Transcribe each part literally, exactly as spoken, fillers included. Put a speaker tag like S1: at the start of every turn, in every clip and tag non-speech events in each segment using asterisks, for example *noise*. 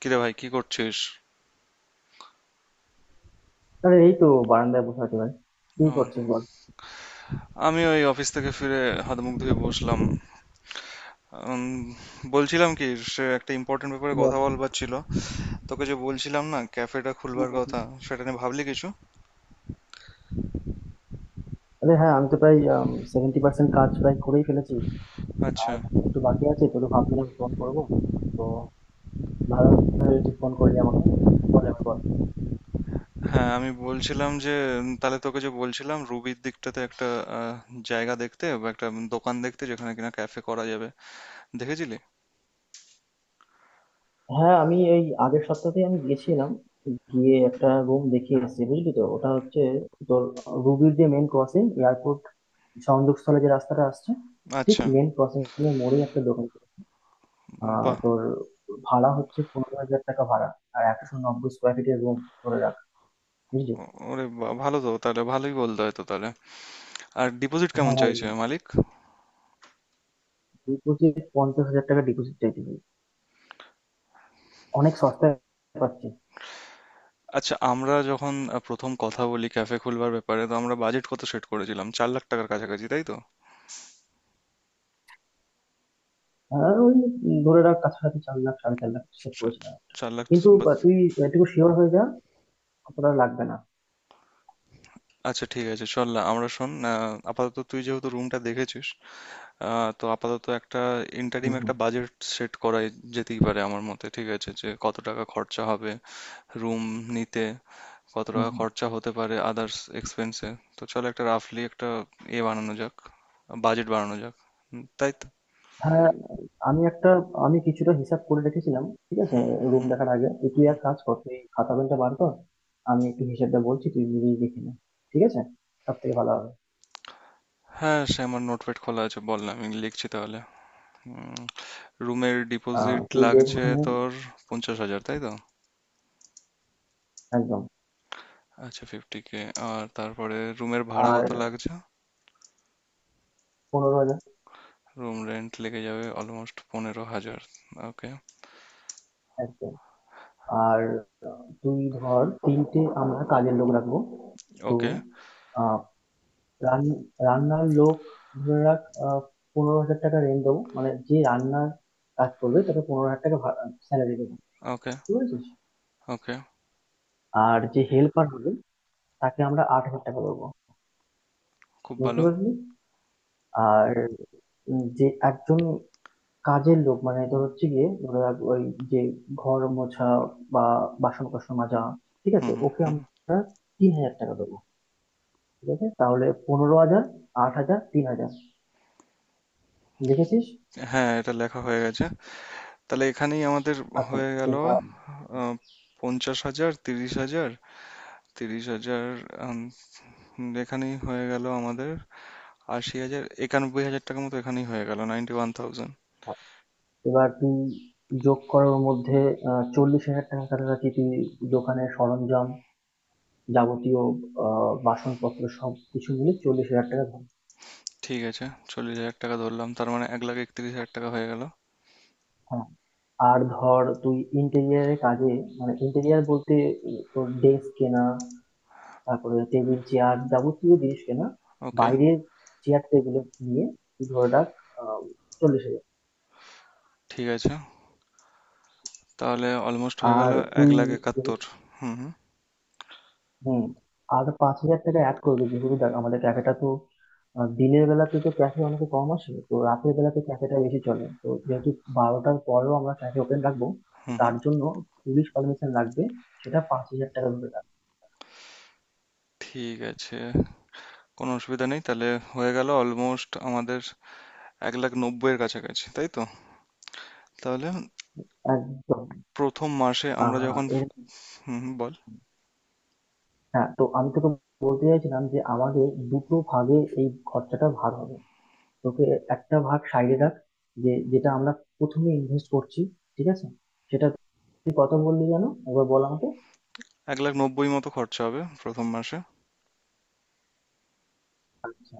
S1: কিরে ভাই, কি করছিস?
S2: আরে এই তো, বারান্দায় বসে আছি ভাই। কি
S1: ও,
S2: করছিস বল
S1: আমি ওই অফিস থেকে ফিরে হাত মুখ ধুয়ে বসলাম। উম, বলছিলাম কি, সে একটা ইম্পর্টেন্ট ব্যাপারে কথা
S2: বল
S1: বলবার ছিল। তোকে যে বলছিলাম না ক্যাফেটা
S2: হুম,
S1: খুলবার
S2: হুম, হুম।
S1: কথা, সেটা নিয়ে ভাবলি কিছু?
S2: আরে হ্যাঁ, আমি তো প্রায় সেভেন্টি পার্সেন্ট কাজ প্রায় করেই ফেলেছি।
S1: আচ্ছা।
S2: আর একটু বাকি আছে, তো ভাবছিলাম ফোন করবো। তো ভালো হয়েছে তুই ফোন করলি আমাকে। বল এবার বল।
S1: হ্যাঁ, আমি বলছিলাম যে উম, তাহলে তোকে যে বলছিলাম রুবির দিকটাতে একটা আহ, জায়গা দেখতে বা একটা দোকান দেখতে, যেখানে কিনা ক্যাফে করা যাবে, দেখেছিলি?
S2: হ্যাঁ, আমি এই আগের সপ্তাহতে আমি গিয়েছিলাম, গিয়ে একটা রুম দেখে এসেছি। বুঝলি, তো ওটা হচ্ছে তোর রুবির যে মেন ক্রসিং, এয়ারপোর্ট সংযোগস্থলে যে রাস্তাটা আসছে, ঠিক
S1: আচ্ছা।
S2: মেন ক্রসিং এর মোড়েই একটা দোকান। আহ
S1: বাহ।
S2: তোর ভাড়া হচ্ছে পনেরো হাজার টাকা ভাড়া, আর একশো নব্বই স্কোয়ার ফিটের রুম ধরে রাখ। বুঝলি?
S1: ও- ওরে বাহ, ভালো তো, তাহলে ভালোই বলতে হয় তো তাহলে। আর ডিপোজিট কেমন
S2: হ্যাঁ ভাই,
S1: চাইছে মালিক?
S2: ডিপোজিট পঞ্চাশ হাজার টাকা ডিপোজিট চাইতে হবে। অনেক সস্তায় পাচ্ছি।
S1: আচ্ছা, আমরা যখন আহ, প্রথম কথা বলি ক্যাফে খুলবার ব্যাপারে, তো আমরা বাজেট কত সেট করেছিলাম, চার লাখ টাকার কাছাকাছি, তাই তো?
S2: হ্যাঁ, ওই ধরে রাখ কাছাকাছি চার লাখ, সাড়ে চার লাখ সেট
S1: চার
S2: করেছিলাম।
S1: চার লাখ।
S2: কিন্তু আহ,
S1: বা-
S2: তুই এটুকু শিওর হয়ে যা কতটা লাগবে না।
S1: আচ্ছা ঠিক আছে, চল না আমরা শোন, আহ, আপাতত তুই যেহেতু রুমটা দেখেছিস, আহ, তো আপাতত একটা
S2: হুম
S1: ইন্টারিম একটা
S2: হুম
S1: বাজেট সেট করা যেতেই পারে আমার মতে। ঠিক আছে, যে কত টাকা খরচা হবে রুম নিতে, কত
S2: হুম
S1: টাকা
S2: হুম।
S1: খরচা হতে পারে আদার্স এক্সপেন্সে। তো চল, একটা রাফলি একটা এ বানানো যাক, বাজেট বানানো যাক। হুম, তাই তো।
S2: হ্যাঁ, আমি একটা আমি কিছুটা হিসাব করে রেখেছিলাম, ঠিক আছে?
S1: হুম
S2: রুম
S1: হুম।
S2: দেখার আগে, তুই তুই এক কাজ কর, তুই খাতা পেনটা বার কর। আমি একটু হিসাবটা বলছি, তুই নিজেই দেখে নে, ঠিক আছে? সব থেকে ভালো হবে।
S1: হ্যাঁ, সে আমার নোটপ্যাড খোলা আছে, বল না, আমি লিখছি তাহলে। রুমের
S2: আহ
S1: ডিপোজিট
S2: তুই দেখ
S1: লাগছে
S2: ওখানে।
S1: তোর পঞ্চাশ হাজার, তাই তো?
S2: একদম।
S1: আচ্ছা, ফিফটি কে। আর তারপরে রুমের ভাড়া কত
S2: আর
S1: লাগছে?
S2: পনেরো হাজার।
S1: রুম রেন্ট লেগে যাবে অলমোস্ট পনেরো হাজার। ওকে।
S2: একদম। আর আহ, তুই ধর তিনটে আমরা কাজের লোক রাখবো। তো
S1: ওকে।
S2: আহ রান- রান্নার লোক ধরে রাখ। আহ, পনেরো হাজার টাকা রেন্ট দেবো, মানে যে রান্নার কাজ করবে তাকে পনেরো হাজার টাকা স্যালারি দেবো।
S1: ওকে।
S2: বুঝতে পেরেছিস?
S1: ওকে।
S2: আর যে হেল্পার হবে তাকে আমরা আট হাজার টাকা দেবো।
S1: খুব
S2: বুঝতে
S1: ভালো।
S2: পারলি? আর উম, যে একজন কাজের লোক, মানে তোর হচ্ছে গিয়ে ধরে রাখ ওই যে ঘর মোছা বা বাসন কোসন মাজা, ঠিক
S1: হুম
S2: আছে?
S1: হুম
S2: ওকে
S1: হুম।
S2: আমরা তিন হাজার টাকা দেবো। ঠিক আছে, তাহলে পনেরো হাজার, আট হাজার, তিন হাজার। লিখেছিস?
S1: হ্যাঁ, এটা লেখা হয়ে গেছে। তাহলে এখানেই আমাদের
S2: আচ্ছা।
S1: হয়ে গেল।
S2: এবার
S1: আহ, পঞ্চাশ হাজার, তিরিশ হাজার, তিরিশ হাজার। আম, এখানেই হয়ে গেল আমাদের আশি হাজার, একানব্বই হাজার টাকার মতো এখানেই হয়ে গেল, নাইনটি ওয়ান থাউজেন্ড।
S2: এবার তুই যোগ করার মধ্যে আহ, চল্লিশ হাজার টাকার কাছাকাছি, তুই দোকানের সরঞ্জাম যাবতীয় আহ, বাসনপত্র সব কিছু মিলে চল্লিশ হাজার টাকা ধর।
S1: ঠিক আছে, চল্লিশ হাজার টাকা ধরলাম, তার মানে এক লাখ একত্রিশ হাজার টাকা হয়ে গেল।
S2: হ্যাঁ। আর ধর তুই ইন্টেরিয়ারের কাজে, মানে ইন্টেরিয়ার বলতে উম, তোর ডেস্ক কেনা, তারপরে টেবিল চেয়ার যাবতীয় জিনিস কেনা,
S1: ওকে।
S2: বাইরের চেয়ার টেবিল নিয়ে তুই ধরে রাখ আহ, চল্লিশ হাজার।
S1: ঠিক আছে, তাহলে অলমোস্ট হয়ে গেল
S2: আর
S1: এক
S2: তুই
S1: লাখ একাত্তর
S2: যেহেতু
S1: হুম হুম।
S2: হম। আর পাঁচ হাজার টাকা অ্যাড করবি, যেহেতু দেখ আমাদের ক্যাফেটা তো আহ, দিনের বেলাতে তো ক্যাফে অনেক কম আসে, তো রাতের বেলাতে ক্যাফেটা বেশি চলে, তো যেহেতু বারোটার পরেও আমরা ক্যাফে ওপেন রাখবো, তো
S1: হুম হুম।
S2: তার জন্য পুলিশ পারমিশন লাগবে। সেটা পাঁচ হাজার টাকা ধরে রাখ।
S1: ঠিক আছে, কোনো অসুবিধা নেই তাহলে। হয়ে গেল অলমোস্ট আমাদের এক লাখ নব্বইয়ের কাছাকাছি, তাই তো? তাহলে
S2: একদম।
S1: প্রথম মাসে আমরা
S2: আহ
S1: যখন
S2: এর
S1: হুম হুম, বল
S2: হ্যাঁ, তো আমি তোকে বলতে চাইছিলাম যে আমাদের দুটো ভাগে এই খরচাটা ভাগ হবে। তোকে একটা ভাগ সাইডে রাখ, যে যেটা আমরা প্রথমে ইনভেস্ট করছি, ঠিক আছে? সেটা তুই কত বললি যেন, একবার বল আমাকে।
S1: এক লাখ নব্বই মতো খরচা হবে প্রথম মাসে।
S2: আচ্ছা,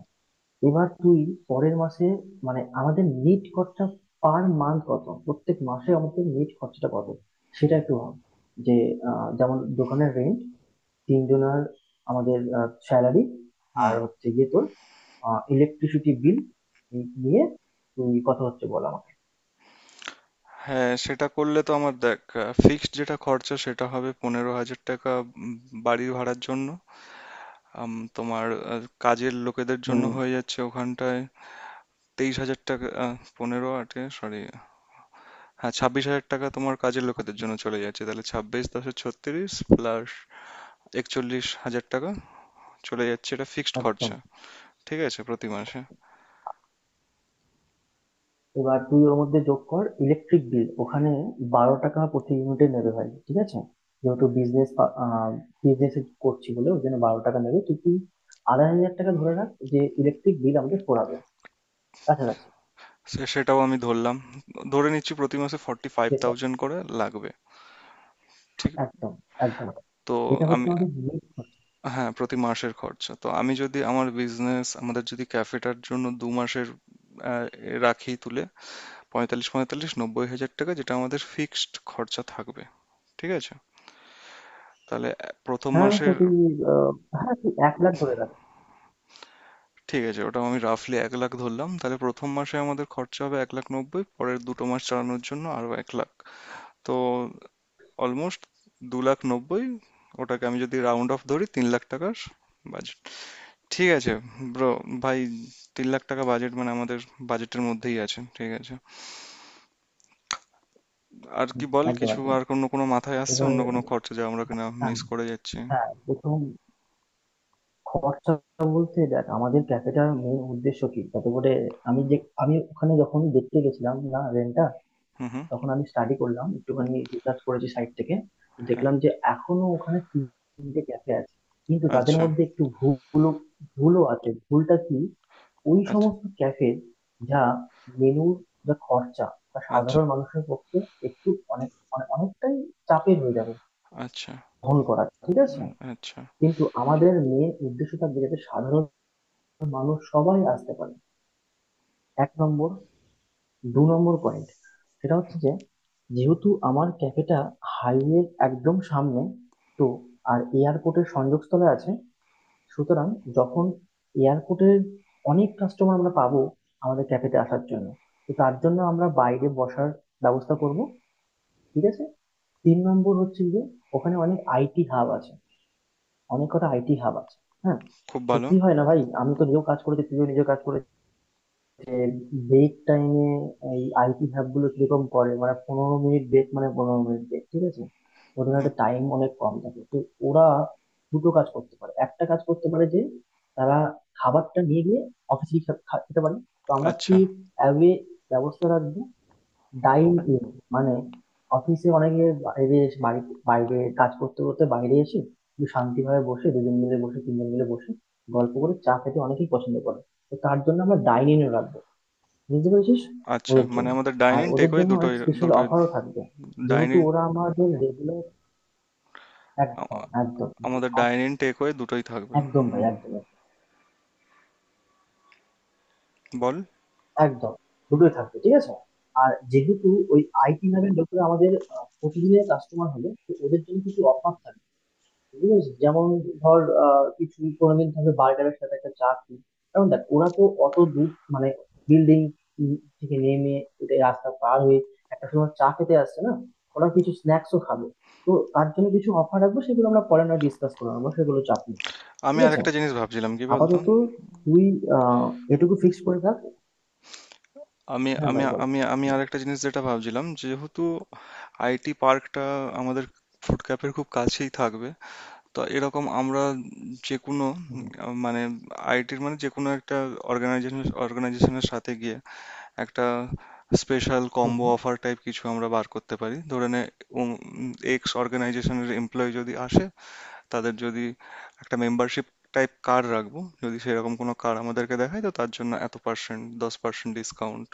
S2: এবার তুই পরের মাসে, মানে আমাদের নেট খরচা পার মান্থ কত, প্রত্যেক মাসে আমাদের নেট খরচাটা কত, সেটা একটু ভাব। যে আহ, যেমন দোকানের রেন্ট, তিনজনের আমাদের স্যালারি, আর
S1: হুম।
S2: হচ্ছে গিয়ে তোর ইলেকট্রিসিটি বিল নিয়ে তুই কথা হচ্ছে বল আমাকে।
S1: হ্যাঁ, সেটা করলে তো আমার দেখ ফিক্সড যেটা খরচা সেটা হবে পনেরো হাজার টাকা উম, বাড়ি ভাড়ার জন্য। আম, তোমার আহ, কাজের লোকেদের জন্য
S2: হুম।
S1: হয়ে যাচ্ছে ওখানটায় তেইশ হাজার টাকা, আহ, পনেরো আটে, সরি। হ্যাঁ, ছাব্বিশ হাজার টাকা তোমার কাজের লোকেদের জন্য চলে যাচ্ছে, তাহলে ছাব্বিশ দশে ছত্রিশ প্লাস একচল্লিশ হাজার টাকা চলে যাচ্ছে। এটা ফিক্সড
S2: একদম।
S1: খরচা। ঠিক আছে, প্রতি মাসে।
S2: এবার তুই ওর মধ্যে যোগ কর ইলেকট্রিক বিল। ওখানে বারো টাকা প্রতি ইউনিটে নেবে ভাই, ঠিক আছে? যেহেতু বিজনেস বিজনেস করছি বলে ওই জন্য বারো টাকা নেবে। তো তুই আড়াই হাজার টাকা ধরে রাখ যে ইলেকট্রিক বিল আমাদের পড়াবে কাছাকাছি,
S1: সে- সেটাও আমি ধরলাম, ধরে নিচ্ছি প্রতি মাসে ফর্টি ফাইভ
S2: যেটা।
S1: থাউজেন্ড করে লাগবে। ঠিক।
S2: একদম, একদম।
S1: তো
S2: এটা
S1: আমি,
S2: হচ্ছে আমাদের নেট খরচা।
S1: হ্যাঁ প্রতি মাসের খরচা তো আমি যদি আমার বিজনেস আমাদের যদি ক্যাফেটার জন্য দু মাসের আহ, এ রাখি তুলে, পঁয়তাল্লিশ পঁয়তাল্লিশ নব্বই হাজার টাকা যেটা আমাদের ফিক্সড খরচা থাকবে। ঠিক আছে, তাহলে এ- প্রথম
S2: হ্যাঁ, সে
S1: মাসের।
S2: তুই আহ, হ্যাঁ, তুই এক লাখ ধরে রাখ।
S1: ঠিক আছে, ওটা আমি রাফলি এক লাখ ধরলাম তাহলে। প্রথম মাসে আমাদের খরচা হবে এক লাখ নব্বই, পরের দুটো মাস চালানোর জন্য আরো এক লাখ, তো অলমোস্ট দু লাখ নব্বই। ওটাকে আমি যদি রাউন্ড অফ ধরি, তিন লাখ টাকার বাজেট। ঠিক আছে ব্রো, ভাই, তিন লাখ টাকা বাজেট মানে আমাদের বাজেটের মধ্যেই আছে। ঠিক আছে। আর কি
S2: হুম,
S1: বল,
S2: একদম
S1: কিছু
S2: একদম।
S1: আর অন্য কোনো মাথায় আসছে,
S2: এবার
S1: অন্য কোনো খরচা যা আমরা কিনা
S2: হ্যাঁ,
S1: মিস করে যাচ্ছি?
S2: হ্যাঁ। প্রথম খরচা বলতে দেখ আমাদের ক্যাফেটার মেন উদ্দেশ্য কি, যাতে করে আমি যে আমি ওখানে যখন দেখতে গেছিলাম না রেন্টটা,
S1: হুম হুম।
S2: তখন আমি স্টাডি করলাম একটুখানি, রিসার্চ করেছি সাইট থেকে।
S1: হ্যাঁ।
S2: দেখলাম যে এখনো ওখানে তিনটে ক্যাফে আছে, কিন্তু তাদের
S1: আচ্ছা।
S2: মধ্যে একটু ভুলও ভুলও আছে। ভুলটা কি, ওই
S1: আচ্ছা।
S2: সমস্ত ক্যাফে যা মেনুর যা খরচা, তা
S1: আচ্ছা।
S2: সাধারণ মানুষের পক্ষে একটু অনেক অনেক- অনেকটাই চাপের হয়ে যাবে
S1: আচ্ছা।
S2: বহন করা, ঠিক আছে?
S1: আচ্ছা।
S2: কিন্তু আমাদের মেন উদ্দেশ্য থাকবে যাতে সাধারণ মানুষ সবাই আসতে পারে। এক নম্বর। দু নম্বর পয়েন্ট সেটা হচ্ছে যে যেহেতু আমার ক্যাফেটা হাইওয়ের একদম সামনে, তো আর এয়ারপোর্টের সংযোগস্থলে আছে, সুতরাং যখন এয়ারপোর্টের অনেক কাস্টমার আমরা পাবো আমাদের ক্যাফেতে আসার জন্য, তো তার জন্য আমরা বাইরে বসার ব্যবস্থা করব, ঠিক আছে? তিন নম্বর হচ্ছে যে ওখানে অনেক আইটি হাব আছে, অনেক কটা আইটি হাব আছে। হ্যাঁ,
S1: খুব
S2: তো
S1: ভালো।
S2: কি হয় না ভাই, আমি তো নিজেও কাজ করেছি, তুইও নিজেও কাজ করেছিস। ব্রেক টাইমে এই আইটি হ্যাব গুলো কিরকম করে, মানে পনেরো মিনিট ব্রেক, মানে পনেরো মিনিট ব্রেক, ঠিক আছে? ওদের
S1: হুম।
S2: হাতে টাইম অনেক কম থাকে, তো ওরা দুটো কাজ করতে পারে, একটা কাজ করতে পারে যে তারা খাবারটা নিয়ে গিয়ে অফিসে খেতে পারে, তো আমরা কি
S1: আচ্ছা,
S2: অ্যাওয়ে ব্যবস্থা রাখবো, ডাইন ইন। মানে অফিসে অনেকে বাইরে এসে বাড়ি বাইরে কাজ করতে করতে বাইরে এসে একটু শান্তিভাবে বসে, দুজন মিলে বসে, তিনজন মিলে বসে গল্প করে চা খেতে অনেকেই পছন্দ করে। তো তার জন্য আমরা ডাইনিং রাখবো। বুঝতে পেরেছিস?
S1: আচ্ছা,
S2: ওদের
S1: মানে
S2: জন্য,
S1: আমাদের
S2: আর
S1: ডাইনিং
S2: ওদের
S1: টেকওয়ে
S2: জন্য অনেক
S1: দুটোই
S2: স্পেশাল
S1: দুটোই
S2: অফারও থাকবে, যেহেতু
S1: ডাইনিং।
S2: ওরা আমাদের রেগুলার। একদম, একদম। যে
S1: আমাদের
S2: আর-
S1: ডাইনিং টেকওয়ে দুটোই থাকবে।
S2: একদম
S1: হুম।
S2: ভাই, একদম একদম
S1: বল।
S2: একদম। দুটোই থাকবে, ঠিক আছে? আর যেহেতু ওই আইটি নামের লোকেরা আমাদের আহ, প্রতিদিনের কাস্টমার হলে, তো ওদের জন্য কিছু অফার, বুঝেছিস? যেমন ধর আহ, কিছু কোনোদিন থাকবে বার্গারের সাথে একটা চাটনি, কারণ দেখ ওরা তো অত দূর, মানে বিল্ডিং থেকে নেমে এটা রাস্তা পার হয়ে একটা সময় চা খেতে আসছে না, ওরা কিছু স্ন্যাক্সও খাবে। তো তার জন্য কিছু অফার রাখবো, সেগুলো আমরা পরে না ডিসকাস করে নেবো, সেগুলো চাপ নেই।
S1: আমি
S2: ঠিক আছে,
S1: আরেকটা জিনিস ভাবছিলাম, কি বলতো।
S2: আপাতত তুই আহ এটুকু ফিক্স করে থাক।
S1: আমি
S2: হ্যাঁ
S1: আমি
S2: ভাই, বল
S1: আমি আমি
S2: বল।
S1: আরেকটা জিনিস যেটা ভাবছিলাম, যেহেতু আই টি পার্কটা আমাদের ফুড ক্যাফের খুব কাছেই থাকবে, তো এরকম আমরা যে কোনো
S2: হুম, হুম,
S1: উম, মানে আই টির মানে যে কোনো একটা অর্গানাইজেশন, অর্গানাইজেশনের সাথে গিয়ে একটা স্পেশাল
S2: হুম,
S1: কম্বো
S2: হুম।
S1: অফার টাইপ কিছু আমরা বার করতে পারি। ধরে নে, এক্স অর্গানাইজেশনের এমপ্লয়ি যদি আসে, তাদের যদি একটা মেম্বারশিপ টাইপ কার্ড রাখবো, যদি সেরকম কোনো কার্ড আমাদেরকে দেখায়, তো তার জন্য এত পার্সেন্ট, দশ পার্সেন্ট ডিসকাউন্ট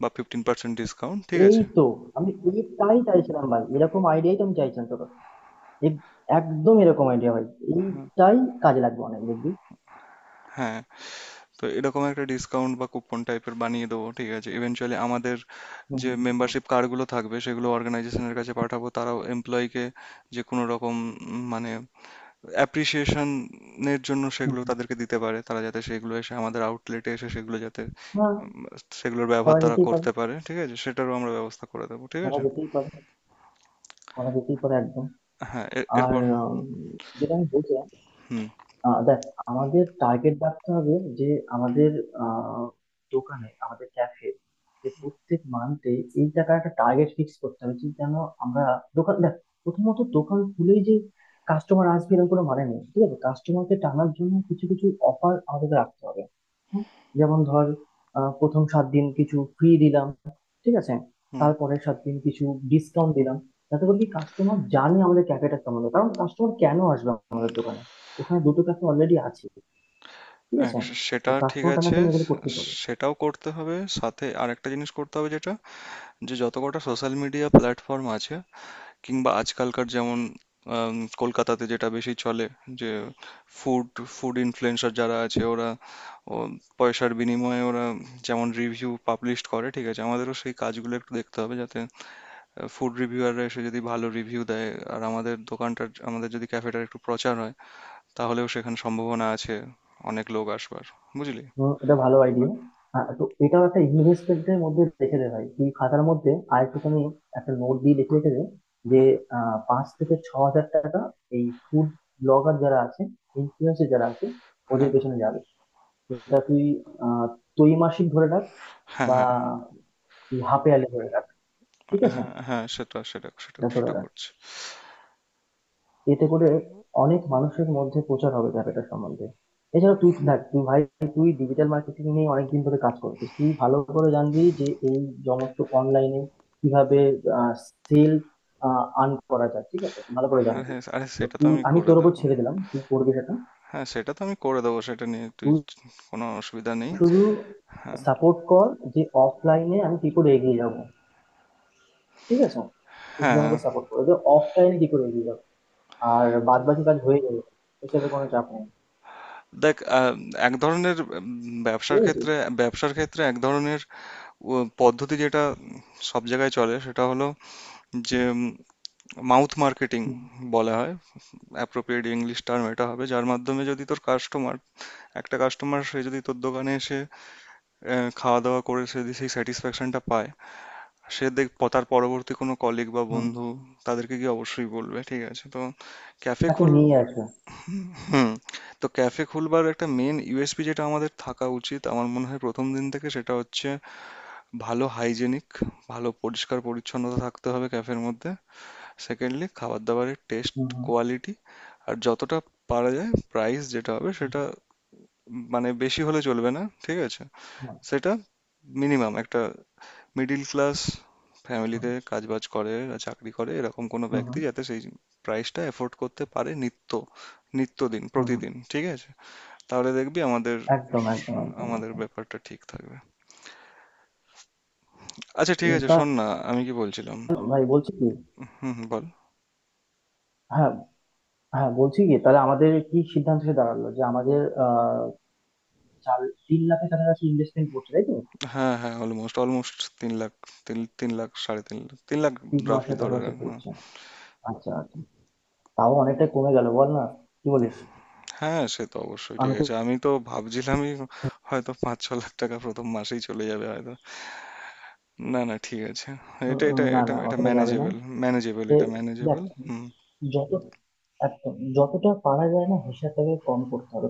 S1: বা ফিফটিন পার্সেন্ট ডিসকাউন্ট। ঠিক
S2: এই
S1: আছে।
S2: তো, আমি এই তাই চাইছিলাম ভাই, এরকম আইডিয়াই তো আমি চাইছিলাম। এক- একদম এরকম আইডিয়া ভাই, এইটাই কাজে লাগবে অনেক, দেখবি।
S1: হ্যাঁ, তো এরকম একটা ডিসকাউন্ট বা কুপন টাইপের বানিয়ে দেবো। ঠিক আছে। ইভেনচুয়ালি আমাদের
S2: হুম,
S1: যে
S2: হুম, হুম,
S1: মেম্বারশিপ কার্ডগুলো থাকবে সেগুলো অর্গানাইজেশনের কাছে পাঠাবো, তারাও এমপ্লয়িকে যে কোনো রকম উম, মানে অ্যাপ্রিসিয়েশনের জন্য
S2: হুম,
S1: সেগুলো
S2: হুম।
S1: তাদেরকে দিতে পারে, তারা যাতে সেগুলো এসে আমাদের আউটলেটে এসে সেগুলো যাতে
S2: হ্যাঁ,
S1: সেগুলোর
S2: করা
S1: ব্যবহার তারা
S2: যেতেই পারে,
S1: করতে পারে। ঠিক আছে, সেটারও আমরা ব্যবস্থা করে দেবো। ঠিক
S2: করা
S1: আছে।
S2: যেতেই পারে, করা যেতেই পারে একদম।
S1: হ্যাঁ, এর-
S2: আর
S1: এরপর
S2: উম, যেটা আমি বলছিলাম,
S1: হুম
S2: আহ দেখ আমাদের টার্গেট রাখতে হবে যে আমাদের আহ, দোকানে আমাদের ক্যাফে যে প্রত্যেক মান্থে এই টাকার একটা টার্গেট ফিক্স করতে হবে যে যেন আমরা, দোকান দেখ, প্রথমত দোকান খুলেই যে কাস্টমার আসবে এরকম কোনো মানে নেই, ঠিক আছে? কাস্টমারকে টানার জন্য কিছু কিছু অফার আমাদের রাখতে হবে। হুম, যেমন ধর আহ, প্রথম সাত দিন কিছু ফ্রি দিলাম, ঠিক আছে?
S1: হুম
S2: তারপরের সাত দিন কিছু ডিসকাউন্ট দিলাম, যাতে করে কি কাস্টমার জানে আমাদের ক্যাফেটা কেমন, কারণ কাস্টমার কেন আসবে আমাদের দোকানে, ওখানে দুটো ক্যাফে অলরেডি আছে, ঠিক
S1: এক,
S2: আছে?
S1: সেটা
S2: তো
S1: ঠিক
S2: কাস্টমার টানা,
S1: আছে।
S2: তুমি এগুলো করতে পারো।
S1: সেটাও করতে হবে, সাথে আরেকটা জিনিস করতে হবে, যেটা যে যত কটা সোশ্যাল মিডিয়া প্ল্যাটফর্ম আছে, কিংবা আজকালকার যেমন আম, কলকাতাতে যেটা বেশি চলে, যে ফুড, ফুড ইনফ্লুয়েন্সার যারা আছে ওরা, ও, পয়সার বিনিময়ে ওরা যেমন রিভিউ পাবলিশ করে। ঠিক আছে, আমাদেরও সেই কাজগুলো একটু দেখতে হবে, যাতে ফুড রিভিউয়াররা এসে যদি ভালো রিভিউ দেয়, আর আমাদের দোকানটার, আমাদের যদি ক্যাফেটার একটু প্রচার হয়, তাহলেও সেখানে সম্ভাবনা আছে অনেক লোক আসবার। বুঝলি?
S2: হুম, এটা ভালো আইডিয়া। তো এটাও একটা ইনভেস্টমেন্টের মধ্যে রেখে দে ভাই, তুই খাতার মধ্যে আর একটুখানি একটা নোট দিয়ে লিখে রেখে দে যে
S1: হ্যাঁ,
S2: আহ, পাঁচ থেকে ছ হাজার টাকা এই ফুড ব্লগার যারা আছে, ইনফ্লুয়েন্সার যারা আছে, ওদের
S1: হ্যাঁ,
S2: পেছনে যাবে। সেটা তুই আহ ত্রৈমাসিক ধরে রাখ
S1: হ্যাঁ,
S2: বা
S1: হ্যাঁ,
S2: তুই হাফ ইয়ারলি ধরে রাখ, ঠিক আছে?
S1: হ্যাঁ, হ্যাঁ, সেটা সেটা সেটা
S2: এটা ধরে
S1: সেটা
S2: রাখ,
S1: করছি।
S2: এতে করে অনেক মানুষের মধ্যে প্রচার হবে ব্যাপারটা সম্বন্ধে। এছাড়া তুই দেখ তুই ভাই, তুই ডিজিটাল মার্কেটিং নিয়ে অনেকদিন ধরে কাজ করছিস, তুই ভালো করে জানবি যে এই সমস্ত অনলাইনে কিভাবে সেল আর্ন করা যায়, ঠিক আছে? ভালো করে জানবি।
S1: আরে আরে,
S2: তো
S1: সেটা তো
S2: তুই,
S1: আমি
S2: আমি
S1: করে
S2: তোর উপর
S1: দেবো।
S2: ছেড়ে দিলাম, তুই করবি সেটা।
S1: হ্যাঁ, সেটা তো আমি করে দেবো, সেটা নিয়ে তুই
S2: তুই
S1: কোনো অসুবিধা নেই।
S2: শুধু
S1: হ্যাঁ,
S2: সাপোর্ট কর যে অফলাইনে আমি কি করে এগিয়ে যাব, ঠিক আছে? তুই শুধু
S1: হ্যাঁ।
S2: আমাকে সাপোর্ট কর যে অফলাইনে কি করে এগিয়ে যাবো, আর বাদ বাকি কাজ হয়ে যাবে, এসবের কোনো চাপ নেই।
S1: দেখ, আহ, এক ধরনের উম,
S2: বুঝতে
S1: ব্যবসার
S2: পেরেছিস?
S1: ক্ষেত্রে, ব্যবসার ক্ষেত্রে এক ধরনের উ, পদ্ধতি যেটা সব জায়গায় চলে, সেটা হলো যে মাউথ মার্কেটিং বলা হয়, অ্যাপ্রোপ্রিয়েট ইংলিশ টার্ম এটা হবে, যার মাধ্যমে যদি তোর কাস্টমার, একটা কাস্টমার সে যদি তোর দোকানে এসে আহ, খাওয়া দাওয়া করে, সে যদি সেই স্যাটিসফ্যাকশনটা পায়, সে দেখ, প- তার পরবর্তী কোনো কলিগ বা
S2: হুম।
S1: বন্ধু তাদেরকে গিয়ে অবশ্যই বলবে। ঠিক আছে তো, ক্যাফে
S2: তাকে
S1: খোল।
S2: নিয়ে আসবে।
S1: হুম। তো ক্যাফে খুলবার একটা মেন ইউ এস পি যেটা আমাদের থাকা উচিত আমার মনে হয় প্রথম দিন থেকে, সেটা হচ্ছে ভালো হাইজেনিক, ভালো পরিষ্কার পরিচ্ছন্নতা থাকতে হবে ক্যাফের মধ্যে। সেকেন্ডলি, খাবার দাবারের টেস্ট,
S2: হুম, হুম,
S1: কোয়ালিটি। আর যতটা পারা যায় প্রাইস যেটা হবে সেটা উম, মানে বেশি হলে চলবে না। ঠিক আছে,
S2: হুম,
S1: সেটা মিনিমাম একটা মিডিল ক্লাস
S2: হুম,
S1: ফ্যামিলিতে কাজবাজ করে বা চাকরি করে এরকম কোনো
S2: হুম,
S1: ব্যক্তি
S2: হুম,
S1: যাতে সেই প্রাইসটা এফোর্ড করতে পারে, নিত্য, নিত্যদিন,
S2: হুম, হুম।
S1: প্রতিদিন। ঠিক আছে, তাহলে দেখবি আমাদের,
S2: একদম একদম একদম
S1: আমাদের
S2: একদম।
S1: ব্যাপারটা ঠিক থাকবে। আচ্ছা ঠিক
S2: উম,
S1: আছে,
S2: তা
S1: শোন না আমি কি বলছিলাম।
S2: ভাই বলছি কি,
S1: হুম হুম, বল।
S2: হ্যাঁ হ্যাঁ, বলছি কি তাহলে আমাদের কি সিদ্ধান্ত এসে দাঁড়ালো, যে আমাদের আহ চার তিন লাখের কাছাকাছি ইনভেস্টমেন্ট করছে, তাই তো?
S1: হ্যাঁ, হ্যাঁ, অলমোস্ট অলমোস্ট তিন লাখ। তিন তিন লাখ, সাড়ে তিন লাখ, তিন লাখ।
S2: তিন
S1: রাফলি
S2: মাসের
S1: ধরে
S2: পাশাপাশি
S1: রাখ, হ্যাঁ।
S2: করছে। আচ্ছা আচ্ছা, তাও অনেকটাই কমে গেল বল না, কি বলিস?
S1: হ্যাঁ সে তো অবশ্যই
S2: আমি
S1: ঠিক
S2: তো
S1: আছে, আমি তো ভাবছিলামই হয়তো পাঁচ ছ লাখ টাকা প্রথম মাসেই চলে যাবে হয়তো। না না, ঠিক আছে,
S2: উম,
S1: এটা
S2: উম,
S1: এটা
S2: না
S1: এটা
S2: না,
S1: এটা
S2: অতটা যাবে না।
S1: ম্যানেজেবল, ম্যানেজেবল,
S2: সে
S1: এটা
S2: দেখ,
S1: ম্যানেজেবল। হুম
S2: যত একদম যতটা পারা যায় না হিসাবটাকে কম করতে হবে,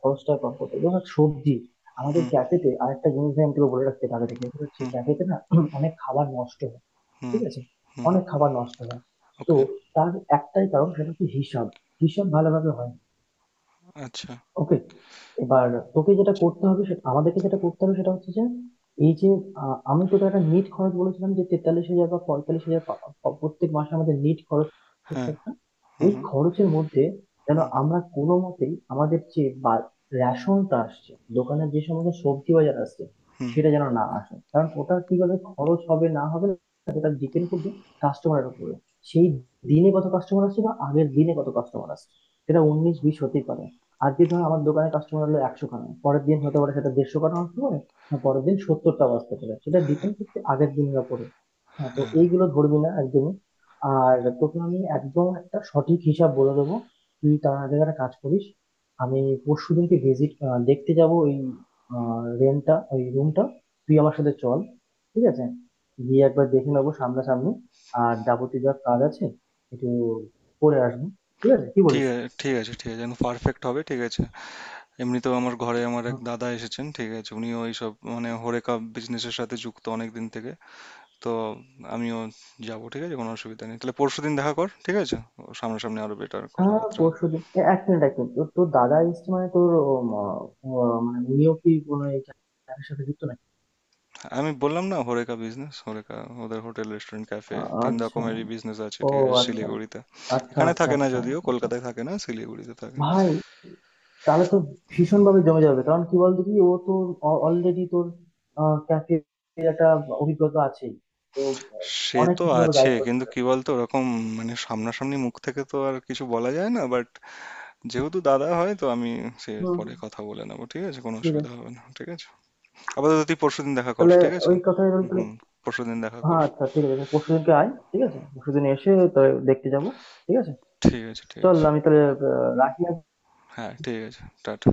S2: খরচটা কম করতে হবে, যেমন সবজি। আমাদের
S1: হুম
S2: ক্যাফেতে আরেকটা জিনিস আমি তোকে বলে রাখতে হবে আগে থেকে, সেটা হচ্ছে
S1: হুম
S2: ক্যাফেতে না *clears throat* অনেক খাবার নষ্ট হয়,
S1: হুম
S2: ঠিক আছে?
S1: হুম।
S2: অনেক খাবার নষ্ট হয়। তো
S1: ওকে।
S2: তার একটাই কারণ, সেটা হচ্ছে হিসাব, হিসাব ভালোভাবে হয় না।
S1: আচ্ছা।
S2: ওকে, এবার তোকে যেটা করতে হবে, সেটা আমাদেরকে যেটা করতে হবে, সেটা হচ্ছে যে এই যে আহ, আমি তোকে একটা নিট খরচ বলেছিলাম যে তেতাল্লিশ হাজার বা পঁয়তাল্লিশ হাজার পা- পা- প্রত্যেক মাসে আমাদের নিট খরচ হচ্ছে
S1: হ্যাঁ।
S2: একটা,
S1: হুম
S2: ওই
S1: হুম
S2: খরচের মধ্যে যেন
S1: হুম
S2: আমরা কোনো মতেই আমাদের যে বা রেশনটা আসছে, দোকানের যে সমস্ত সবজি বাজার আসছে
S1: হুম।
S2: সেটা যেন না আসে, কারণ ওটা কিভাবে খরচ হবে না হবে সেটা ডিপেন্ড করবে কাস্টমারের উপরে। সেই দিনে কত কাস্টমার আসছে বা আগের দিনে কত কাস্টমার আসছে, সেটা উনিশ বিশ হতেই পারে। আজকে ধর আমার দোকানে কাস্টমার হলো একশো খানা, পরের দিন হতে পারে সেটা দেড়শো খানা আসতে পারে, না পরের দিন সত্তরটা আসতে পারে, সেটা ডিপেন্ড করছে আগের দিনের ওপরে। হ্যাঁ, তো
S1: হ্যাঁ
S2: এইগুলো ধরবি না একদমই। আর তোকে আমি একদম একটা সঠিক হিসাব বলে দেবো। তুই তার আগে একটা কাজ করিস, আমি পরশু দিনকে ভিজিট, দেখতে যাব ওই রেন্টটা, ওই রুমটা, তুই আমার সাথে চল, ঠিক আছে? গিয়ে একবার দেখে নেবো সামনাসামনি, আর যাবতীয় যা কাজ আছে একটু করে আসবো, ঠিক আছে? কি
S1: ঠিক
S2: বলিস?
S1: আছে, ঠিক আছে, ঠিক আছে, একদম পারফেক্ট হবে, ঠিক আছে। এমনিতেও আমার ঘরে আমার এক দাদা এসেছেন, ঠিক আছে, উনিও এইসব মানে হরেকা বিজনেসের সাথে যুক্ত অনেক দিন থেকে, তো আমিও যাব, ঠিক আছে, কোনো অসুবিধা নেই। তাহলে পরশুদিন দেখা কর, ঠিক আছে, ও সামনাসামনি আরো বেটার
S2: হ্যাঁ,
S1: কথাবার্তা।
S2: পরশু দিন। এক মিনিট, এক মিনিট, তোর তোর দাদা এসছে মানে তোর, উম, আহ, মানে উনিও কি কোনো এই খেলার সাথে যুক্ত নাকি?
S1: আমি বললাম না, হরেকা বিজনেস হরেকা, ওদের হোটেল রেস্টুরেন্ট ক্যাফে
S2: আ-
S1: তিন
S2: আচ্ছা,
S1: রকমেরই বিজনেস আছে,
S2: ও,
S1: ঠিক আছে,
S2: আচ্ছা
S1: শিলিগুড়িতে।
S2: আচ্ছা
S1: এখানে
S2: আচ্ছা
S1: থাকে না
S2: আচ্ছা
S1: যদিও,
S2: আচ্ছা।
S1: কলকাতায় থাকে না, শিলিগুড়িতে থাকে।
S2: ভাই, তাহলে তো ভীষণ ভাবে জমে যাবে, কারণ কি বলতো, কি ও তো অলরেডি তোর ক্যাফে একটা অভিজ্ঞতা আছে, তো আহ,
S1: সে
S2: অনেক
S1: তো
S2: কিছু ভাবে
S1: আছে,
S2: গাইড করতে
S1: কিন্তু
S2: পারে।
S1: কি বলতো, ওরকম মানে সামনাসামনি মুখ থেকে তো আর কিছু বলা যায় না, বাট যেহেতু দাদা হয় তো আমি, সে
S2: হুম,
S1: পরে কথা বলে নেবো, ঠিক আছে, কোনো
S2: ঠিক
S1: অসুবিধা
S2: আছে।
S1: হবে না। ঠিক আছে, আপাতত তুই পরশুদিন দেখা কর,
S2: তাহলে
S1: ঠিক আছে।
S2: ওই কথাই রইল তাহলে।
S1: হুম, পরশুদিন দেখা কর।
S2: হ্যাঁ আচ্ছা, ঠিক আছে, পরশু দিনকে আয়, ঠিক আছে? পরশু দিন এসে তো দেখতে যাবো, ঠিক আছে?
S1: ঠিক আছে, ঠিক
S2: চল,
S1: আছে।
S2: আমি তাহলে আহ, রাখি আজকে।
S1: হ্যাঁ ঠিক আছে, টাটা।